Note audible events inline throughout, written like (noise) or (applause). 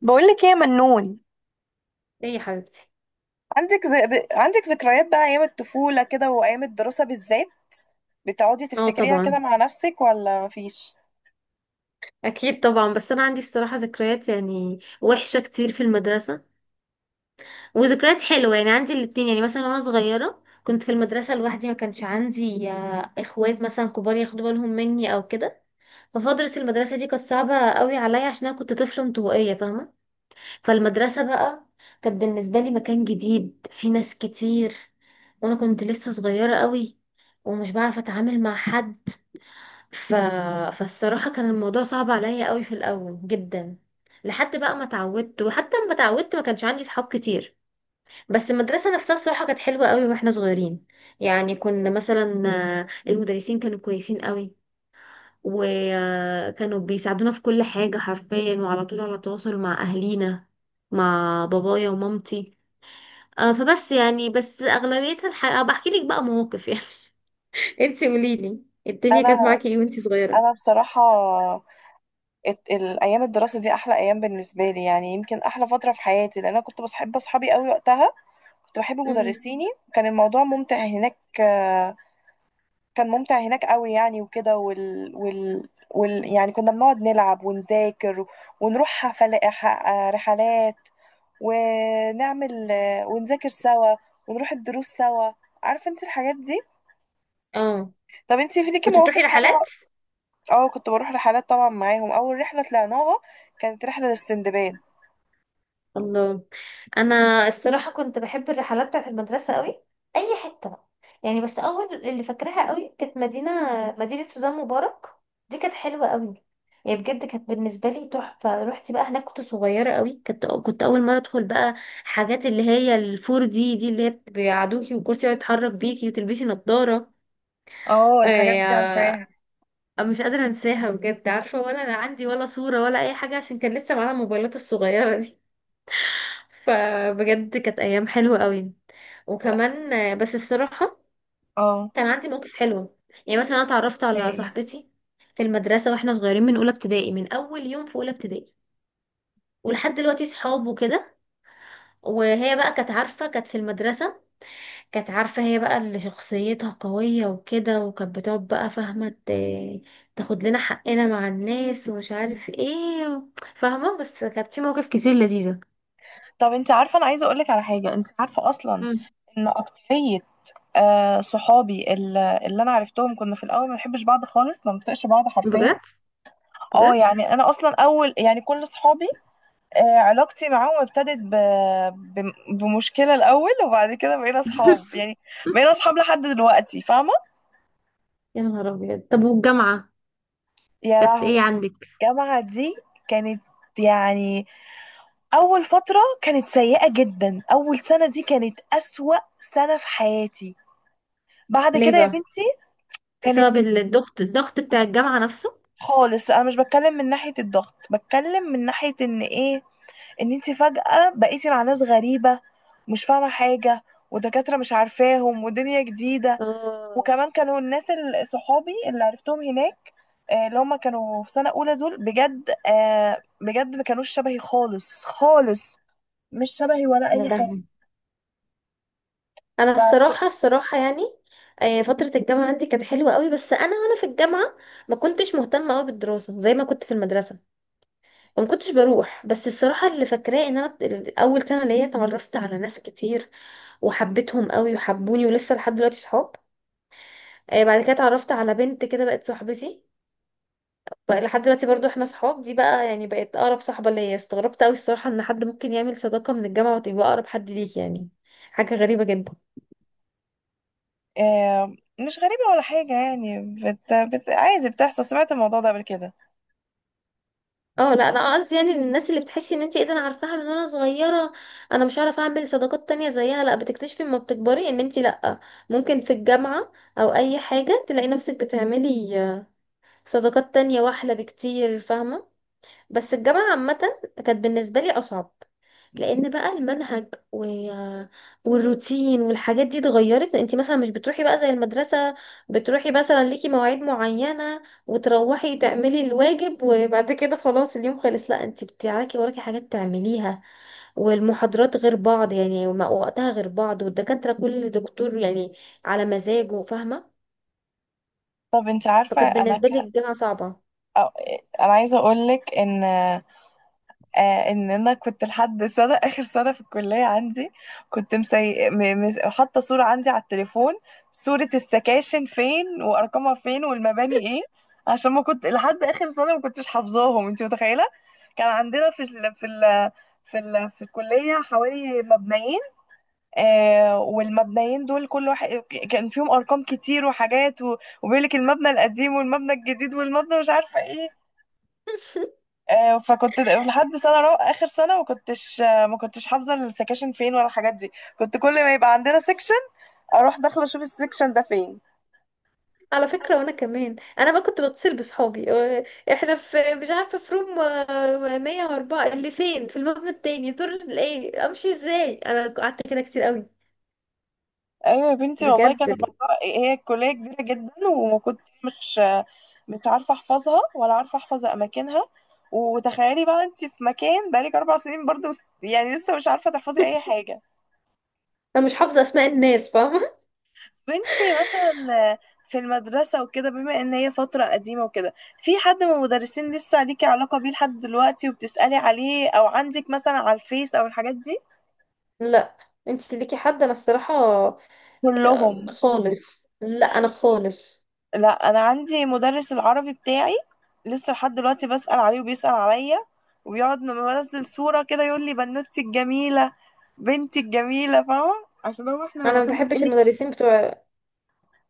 بقولك ايه يا منون؟ ليه يا حبيبتي؟ عندك ذكريات بقى ايام الطفولة كده وايام الدراسة بالذات، بتقعدي اه، تفتكريها طبعا. كده مع نفسك ولا مفيش؟ اكيد طبعا. بس انا عندي الصراحه ذكريات يعني وحشه كتير في المدرسه، وذكريات حلوه. يعني عندي الاتنين. يعني مثلا وانا صغيره كنت في المدرسه لوحدي، ما كانش عندي اخوات مثلا كبار ياخدوا بالهم مني او كده. ففتره المدرسه دي كانت صعبه قوي عليا، عشان انا كنت طفله انطوائيه، فاهمه؟ فالمدرسه بقى كانت بالنسبه لي مكان جديد في ناس كتير، وانا كنت لسه صغيره قوي، ومش بعرف اتعامل مع حد. ف... فالصراحة كان الموضوع صعب عليا قوي في الأول جدا، لحد بقى ما اتعودت. وحتى لما اتعودت ما كانش عندي صحاب كتير. بس المدرسة نفسها الصراحة كانت حلوة قوي واحنا صغيرين. يعني كنا مثلا، المدرسين كانوا كويسين قوي، وكانوا بيساعدونا في كل حاجة حرفيا، وعلى طول على تواصل مع أهلينا، مع بابايا ومامتي. فبس يعني بس أغلبيتها الحقيقة بحكي لك بقى مواقف يعني. (laughs) انتي قوليلي الدنيا انا كانت معاكي ايه وانتي صغيرة؟ انا بصراحة، الايام الدراسة دي احلى ايام بالنسبة لي، يعني يمكن احلى فترة في حياتي لان انا كنت بحب اصحابي قوي وقتها، كنت بحب امم. مدرسيني. كان الموضوع ممتع هناك، كان ممتع هناك قوي يعني وكده، يعني كنا بنقعد نلعب ونذاكر ونروح حفل... ح- آه، رحلات، ونعمل، ونذاكر سوا، ونروح الدروس سوا، عارفة انت الحاجات دي. اه، طب انت في ليكي كنت بتروحي مواقف حلوة؟ رحلات. اه كنت بروح رحلات طبعا معاهم، اول رحلة طلعناها كانت رحلة للسندباد. الله. انا الصراحه كنت بحب الرحلات بتاعت المدرسه قوي، اي حته بقى. يعني بس اول اللي فاكراها قوي كانت مدينه، مدينه سوزان مبارك. دي كانت حلوه قوي. يعني بجد كانت بالنسبه لي تحفه. رحت بقى هناك كنت صغيره قوي، كنت اول مره ادخل بقى حاجات اللي هي الفور دي اللي هي بيقعدوكي والكرسي يقعد يتحرك بيكي وتلبسي نظاره. اه الحاجات دي آه، عارفاها. مش قادره انساها بجد، عارفه ولا انا عندي ولا صوره ولا اي حاجه، عشان كان لسه معانا الموبايلات الصغيره دي. فبجد كانت ايام حلوه قوي. لا. وكمان بس الصراحه اه. كان عندي مواقف حلوه. يعني مثلا انا اتعرفت على ايه. صاحبتي في المدرسه واحنا صغيرين، من اولى ابتدائي، من اول يوم في اولى ابتدائي، ولحد دلوقتي صحاب وكده. وهي بقى كانت عارفه، كانت في المدرسه كانت عارفه، هي بقى اللي شخصيتها قويه وكده، وكانت بتقعد بقى، فاهمه؟ تاخد لنا حقنا مع الناس ومش عارف ايه فاهمه. بس كانت في مواقف كتير لذيذه. طب انت عارفة انا عايزة اقولك على حاجة، انت عارفة اصلا مم. ان اكترية، صحابي اللي انا عرفتهم كنا في الاول ما بنحبش بعض خالص، ما بنطيقش بعض حرفيا. بجد؟ اه بجد؟ يعني انا اصلا اول يعني كل صحابي، علاقتي معاهم ابتدت بمشكلة الأول، وبعد كده بقينا أصحاب (laughs) يعني، بقينا أصحاب لحد دلوقتي، فاهمة؟ يا نهار أبيض. طب والجامعة يا كانت لهوي. إيه عندك؟ الجامعة دي كانت يعني أول فترة كانت سيئة جدا، أول سنة دي كانت أسوأ سنة في حياتي، بعد ليه كده يا بقى؟ بنتي بسبب كانت الضغط بتاع الجامعة نفسه؟ خالص. أنا مش بتكلم من ناحية الضغط، بتكلم من ناحية إن إيه، إن أنت فجأة بقيتي مع ناس غريبة، مش فاهمة حاجة، ودكاترة مش عارفاهم ودنيا جديدة. اه. وكمان كانوا الناس صحابي اللي عرفتهم هناك، اللي هم كانوا في سنة أولى دول بجد، بجد ما كانوش شبهي خالص خالص، مش شبهي ولا يا أي حاجة. لهوي. انا ف... الصراحه يعني فتره الجامعه عندي كانت حلوه قوي. بس انا وانا في الجامعه ما كنتش مهتمه قوي بالدراسه زي ما كنت في المدرسه، وما كنتش بروح. بس الصراحه اللي فاكراه ان انا اول سنه ليا اتعرفت على ناس كتير، وحبيتهم قوي وحبوني، ولسه لحد دلوقتي صحاب. بعد كده اتعرفت على بنت كده بقت صاحبتي، بقى لحد دلوقتي برضو احنا صحاب. دي بقى يعني بقت اقرب صاحبة ليا. استغربت قوي الصراحة ان حد ممكن يعمل صداقة من الجامعة وتبقى اقرب حد ليك، يعني حاجة غريبة جدا. آه، مش غريبة ولا حاجة يعني، عادي بتحصل، سمعت الموضوع ده قبل كده. اه، لا انا قصدي يعني الناس اللي بتحسي ان انت ايه ده انا عارفاها من وانا صغيرة، انا مش هعرف اعمل صداقات تانية زيها. لا، بتكتشفي لما بتكبري ان انت لا، ممكن في الجامعة او اي حاجة تلاقي نفسك بتعملي صداقات تانية واحلى بكتير، فاهمة؟ بس الجامعة عامة كانت بالنسبة لي اصعب، لان بقى المنهج والروتين والحاجات دي اتغيرت. انت مثلا مش بتروحي بقى زي المدرسة، بتروحي مثلا ليكي مواعيد معينة وتروحي تعملي الواجب، وبعد كده خلاص اليوم خلص. لا انت بتاعك وراكي حاجات تعمليها. والمحاضرات غير بعض يعني، وقتها غير بعض، والدكاترة كل دكتور يعني على مزاجه، فاهمة؟ طب انت عارفة فكانت انا بالنسبة لي ك... الجامعة صعبة. أو... آه، انا عايزة اقولك ان، ان انا كنت لحد سنه (laughs) اخر سنه في الكليه، عندي كنت حاطه صوره عندي على التليفون، صوره السكاشن فين وارقامها فين والمباني ايه، عشان ما كنت لحد اخر سنه ما كنتش حافظاهم، انت متخيله؟ كان عندنا في الكليه حوالي مبنيين، والمبنيين دول كل واحد كان فيهم ارقام كتير وحاجات وبيقول لك المبنى القديم والمبنى الجديد والمبنى مش عارفه ايه. فكنت لحد اخر سنه ما كنتش، ما كنتش حافظه السكاشن فين ولا الحاجات دي، كنت كل ما يبقى عندنا سكشن اروح داخله اشوف السكشن ده فين. على فكرة وانا كمان، انا بقى كنت بتصل بصحابي، احنا في مش عارفة في روم 104 اللي فين، في المبنى التاني دور ايه، امشي ازاي. انا قعدت كده كتير قوي. ايوه يا بنتي والله، بجد. كان الموضوع هي الكليه كبيره جدا، وكنت مش عارفه احفظها ولا عارفه احفظ اماكنها، وتخيلي بقى انت في مكان بقالك 4 سنين برضو، يعني لسه مش عارفه تحفظي اي حاجه. انا مش حافظة اسماء الناس، فاهمة؟ وانتي مثلا في المدرسة وكده، بما ان هي فترة قديمة وكده، في حد من المدرسين لسه ليكي علاقة بيه لحد دلوقتي وبتسألي عليه، او عندك مثلا على الفيس او الحاجات دي؟ (laughs) لا. انت ليكي حد؟ انا الصراحة كلهم. خالص لا، انا خالص. لا انا عندي مدرس العربي بتاعي لسه لحد دلوقتي بسأل عليه وبيسأل عليا، وبيقعد لما بنزل صورة كده يقول لي بنوتي الجميلة، بنتي الجميلة، فاهمة؟ عشان هو احنا انا ما يعتبر بحبش ايه، المدرسين بتوع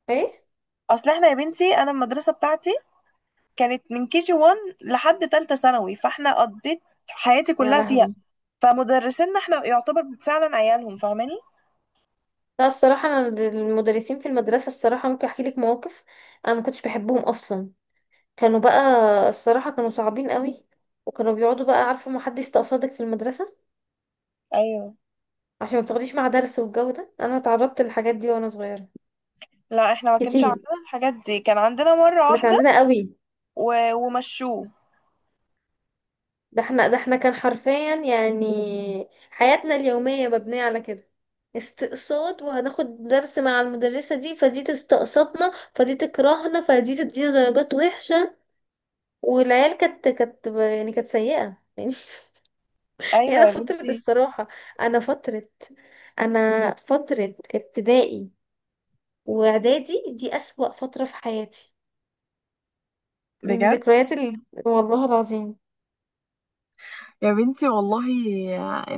ايه. اصل احنا يا بنتي انا المدرسة بتاعتي كانت من كي جي 1 لحد تالتة ثانوي، فاحنا قضيت حياتي يا كلها فيها. لهوي. فمدرسينا احنا يعتبر فعلا عيالهم، فاهماني؟ لا الصراحة، انا المدرسين في المدرسة الصراحة ممكن احكي لك مواقف. انا ما كنتش بحبهم اصلا. كانوا بقى الصراحة كانوا صعبين قوي. وكانوا بيقعدوا بقى، عارفة، ما حد يستقصدك في المدرسة ايوه. عشان ما بتاخديش مع درس. والجو ده انا اتعرضت للحاجات دي وانا صغيرة، لا احنا ما كانش كتير. عندنا الحاجات دي، كان عندنا مرة احنا كان واحدة عندنا قوي. ومشوه. ده احنا، ده احنا كان حرفيا يعني حياتنا اليومية مبنية على كده، استقصاد. وهناخد درس مع المدرسة دي، فدي تستقصدنا فدي تكرهنا فدي تدينا درجات وحشة. والعيال كانت يعني كانت سيئة. (laughs) يعني ايوه انا يا فترة بنتي. الصراحة، انا فترة انا فترة ابتدائي واعدادي دي اسوأ فترة في حياتي. يعني بجد. ذكريات والله العظيم. يا بنتي والله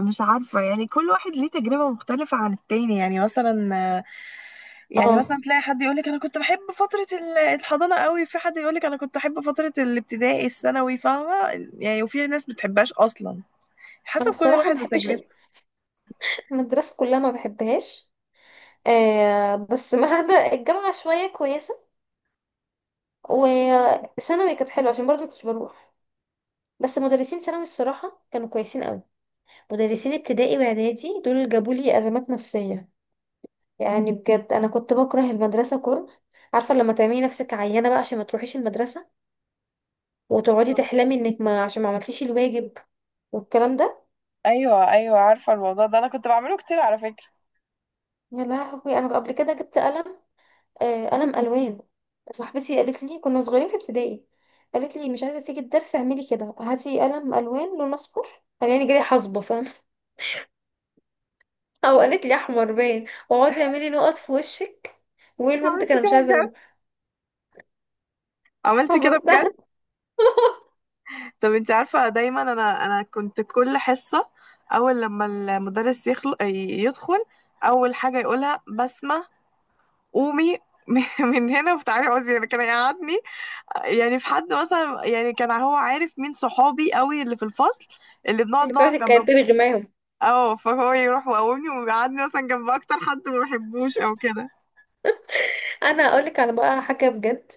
مش عارفة، يعني كل واحد ليه تجربة مختلفة عن التاني، يعني مثلا، يعني اه، مثلا تلاقي حد يقولك أنا كنت بحب فترة الحضانة قوي، في حد يقولك أنا كنت أحب فترة الابتدائي الثانوي، فاهمة؟ يعني وفي ناس بتحبهاش أصلا، انا حسب كل الصراحة ما واحد بحبش وتجربته. المدرسة كلها، ما بحبهاش. آه بس، (laughs) ما عدا الجامعة شوية كويسة. وثانوي كانت حلوة، عشان برضه ما كنتش بروح. بس مدرسين ثانوي الصراحة كانوا كويسين قوي. مدرسين ابتدائي واعدادي دول اللي جابوا لي ازمات نفسية. يعني بجد انا كنت بكره المدرسه كره. عارفه لما تعملي نفسك عيانه بقى عشان ما تروحيش المدرسه، وتقعدي تحلمي انك ما عشان ما عملتيش الواجب والكلام ده. ايوه ايوه عارفه الموضوع ده انا كنت بعمله كتير على فكره. يا لهوي، انا قبل كده جبت قلم، آه قلم الوان. صاحبتي قالت لي، كنا صغيرين في ابتدائي، قالت لي مش عايزه تيجي الدرس؟ اعملي كده، هاتي قلم الوان لون اصفر، خليني جاي حصبه، فاهم؟ (laughs) او قالت لي احمر باين، واقعدي اعملي نقط في وشك وايه. البنت عملت كان كده مش عايزه بجد، أقوله. عملت كده بجد. عملتها. (laughs) طب انت عارفة، دايما انا كنت كل حصة اول لما المدرس يدخل، اول حاجة يقولها بسمة قومي، (laughs) من هنا وتعالي اقعدي، يعني كان يقعدني، يعني في حد مثلا، يعني كان هو عارف مين صحابي قوي اللي في الفصل، اللي بنقعد مش نقعد عايزه كانت جنب. تلغي معاهم. اه فهو يروح ويقومني ويقعدني مثلا جنب اكتر حد ما بحبوش او كده. انا اقول لك على بقى حاجه بجد،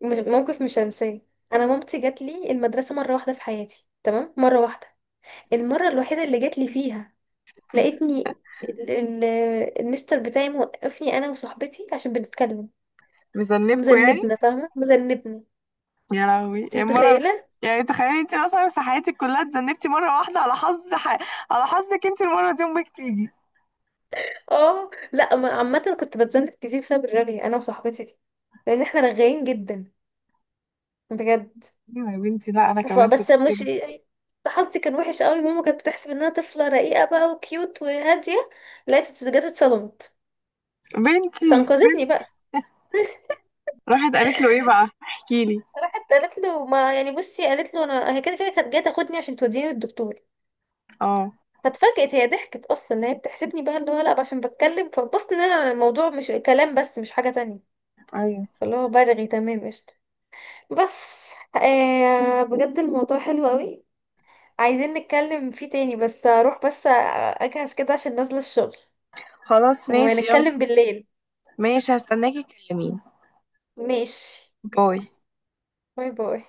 موقف مش هنساه. انا مامتي جات لي المدرسه مره واحده في حياتي، تمام؟ مره واحده، المره الوحيده اللي جات لي فيها، لقيتني ال- ال- المستر بتاعي موقفني انا وصاحبتي عشان بنتكلم. مذنبكوا يعني؟ مذنبنا، فاهمه؟ مذنبنا. يا لهوي انت يعني مرة، متخيله؟ يعني تخيلي انت اصلا في حياتك كلها اتذنبتي مرة واحدة على على حظك انت، المرة دي امك تيجي. اه لا، عامه كنت بتذنب كتير بسبب الرغي انا وصاحبتي دي، لان احنا رغاين جدا، بجد. ايوه يا بنتي. لا انا كمان كنت فبس مش، كده. حظي كان وحش قوي. ماما كانت بتحسب ان انا طفله رقيقه بقى وكيوت وهاديه، لقيت جت اتصدمت. بس بنتي، انقذتني بنتي. بقى. (laughs) راحت قالت له ايه بقى، احكي لي. راحت قالت له، ما يعني بصي، قالت له انا هي كده كده كانت جايه تاخدني عشان توديني للدكتور. اه. فاتفاجئت هي، ضحكت اصلا ان هي بتحسبني بقى اللي هو لا، عشان بتكلم. فبصت ان انا الموضوع مش كلام بس، مش حاجه تانية. ايوه. اللي هو برغي، تمام، قشطه. بس آه، بجد الموضوع حلو قوي، عايزين نتكلم فيه تاني. بس اروح بس اجهز كده عشان نازله الشغل، خلاص ماشي يلا. ونتكلم بالليل. ماشي هستناكي تكلميني. ماشي. باي. باي باي.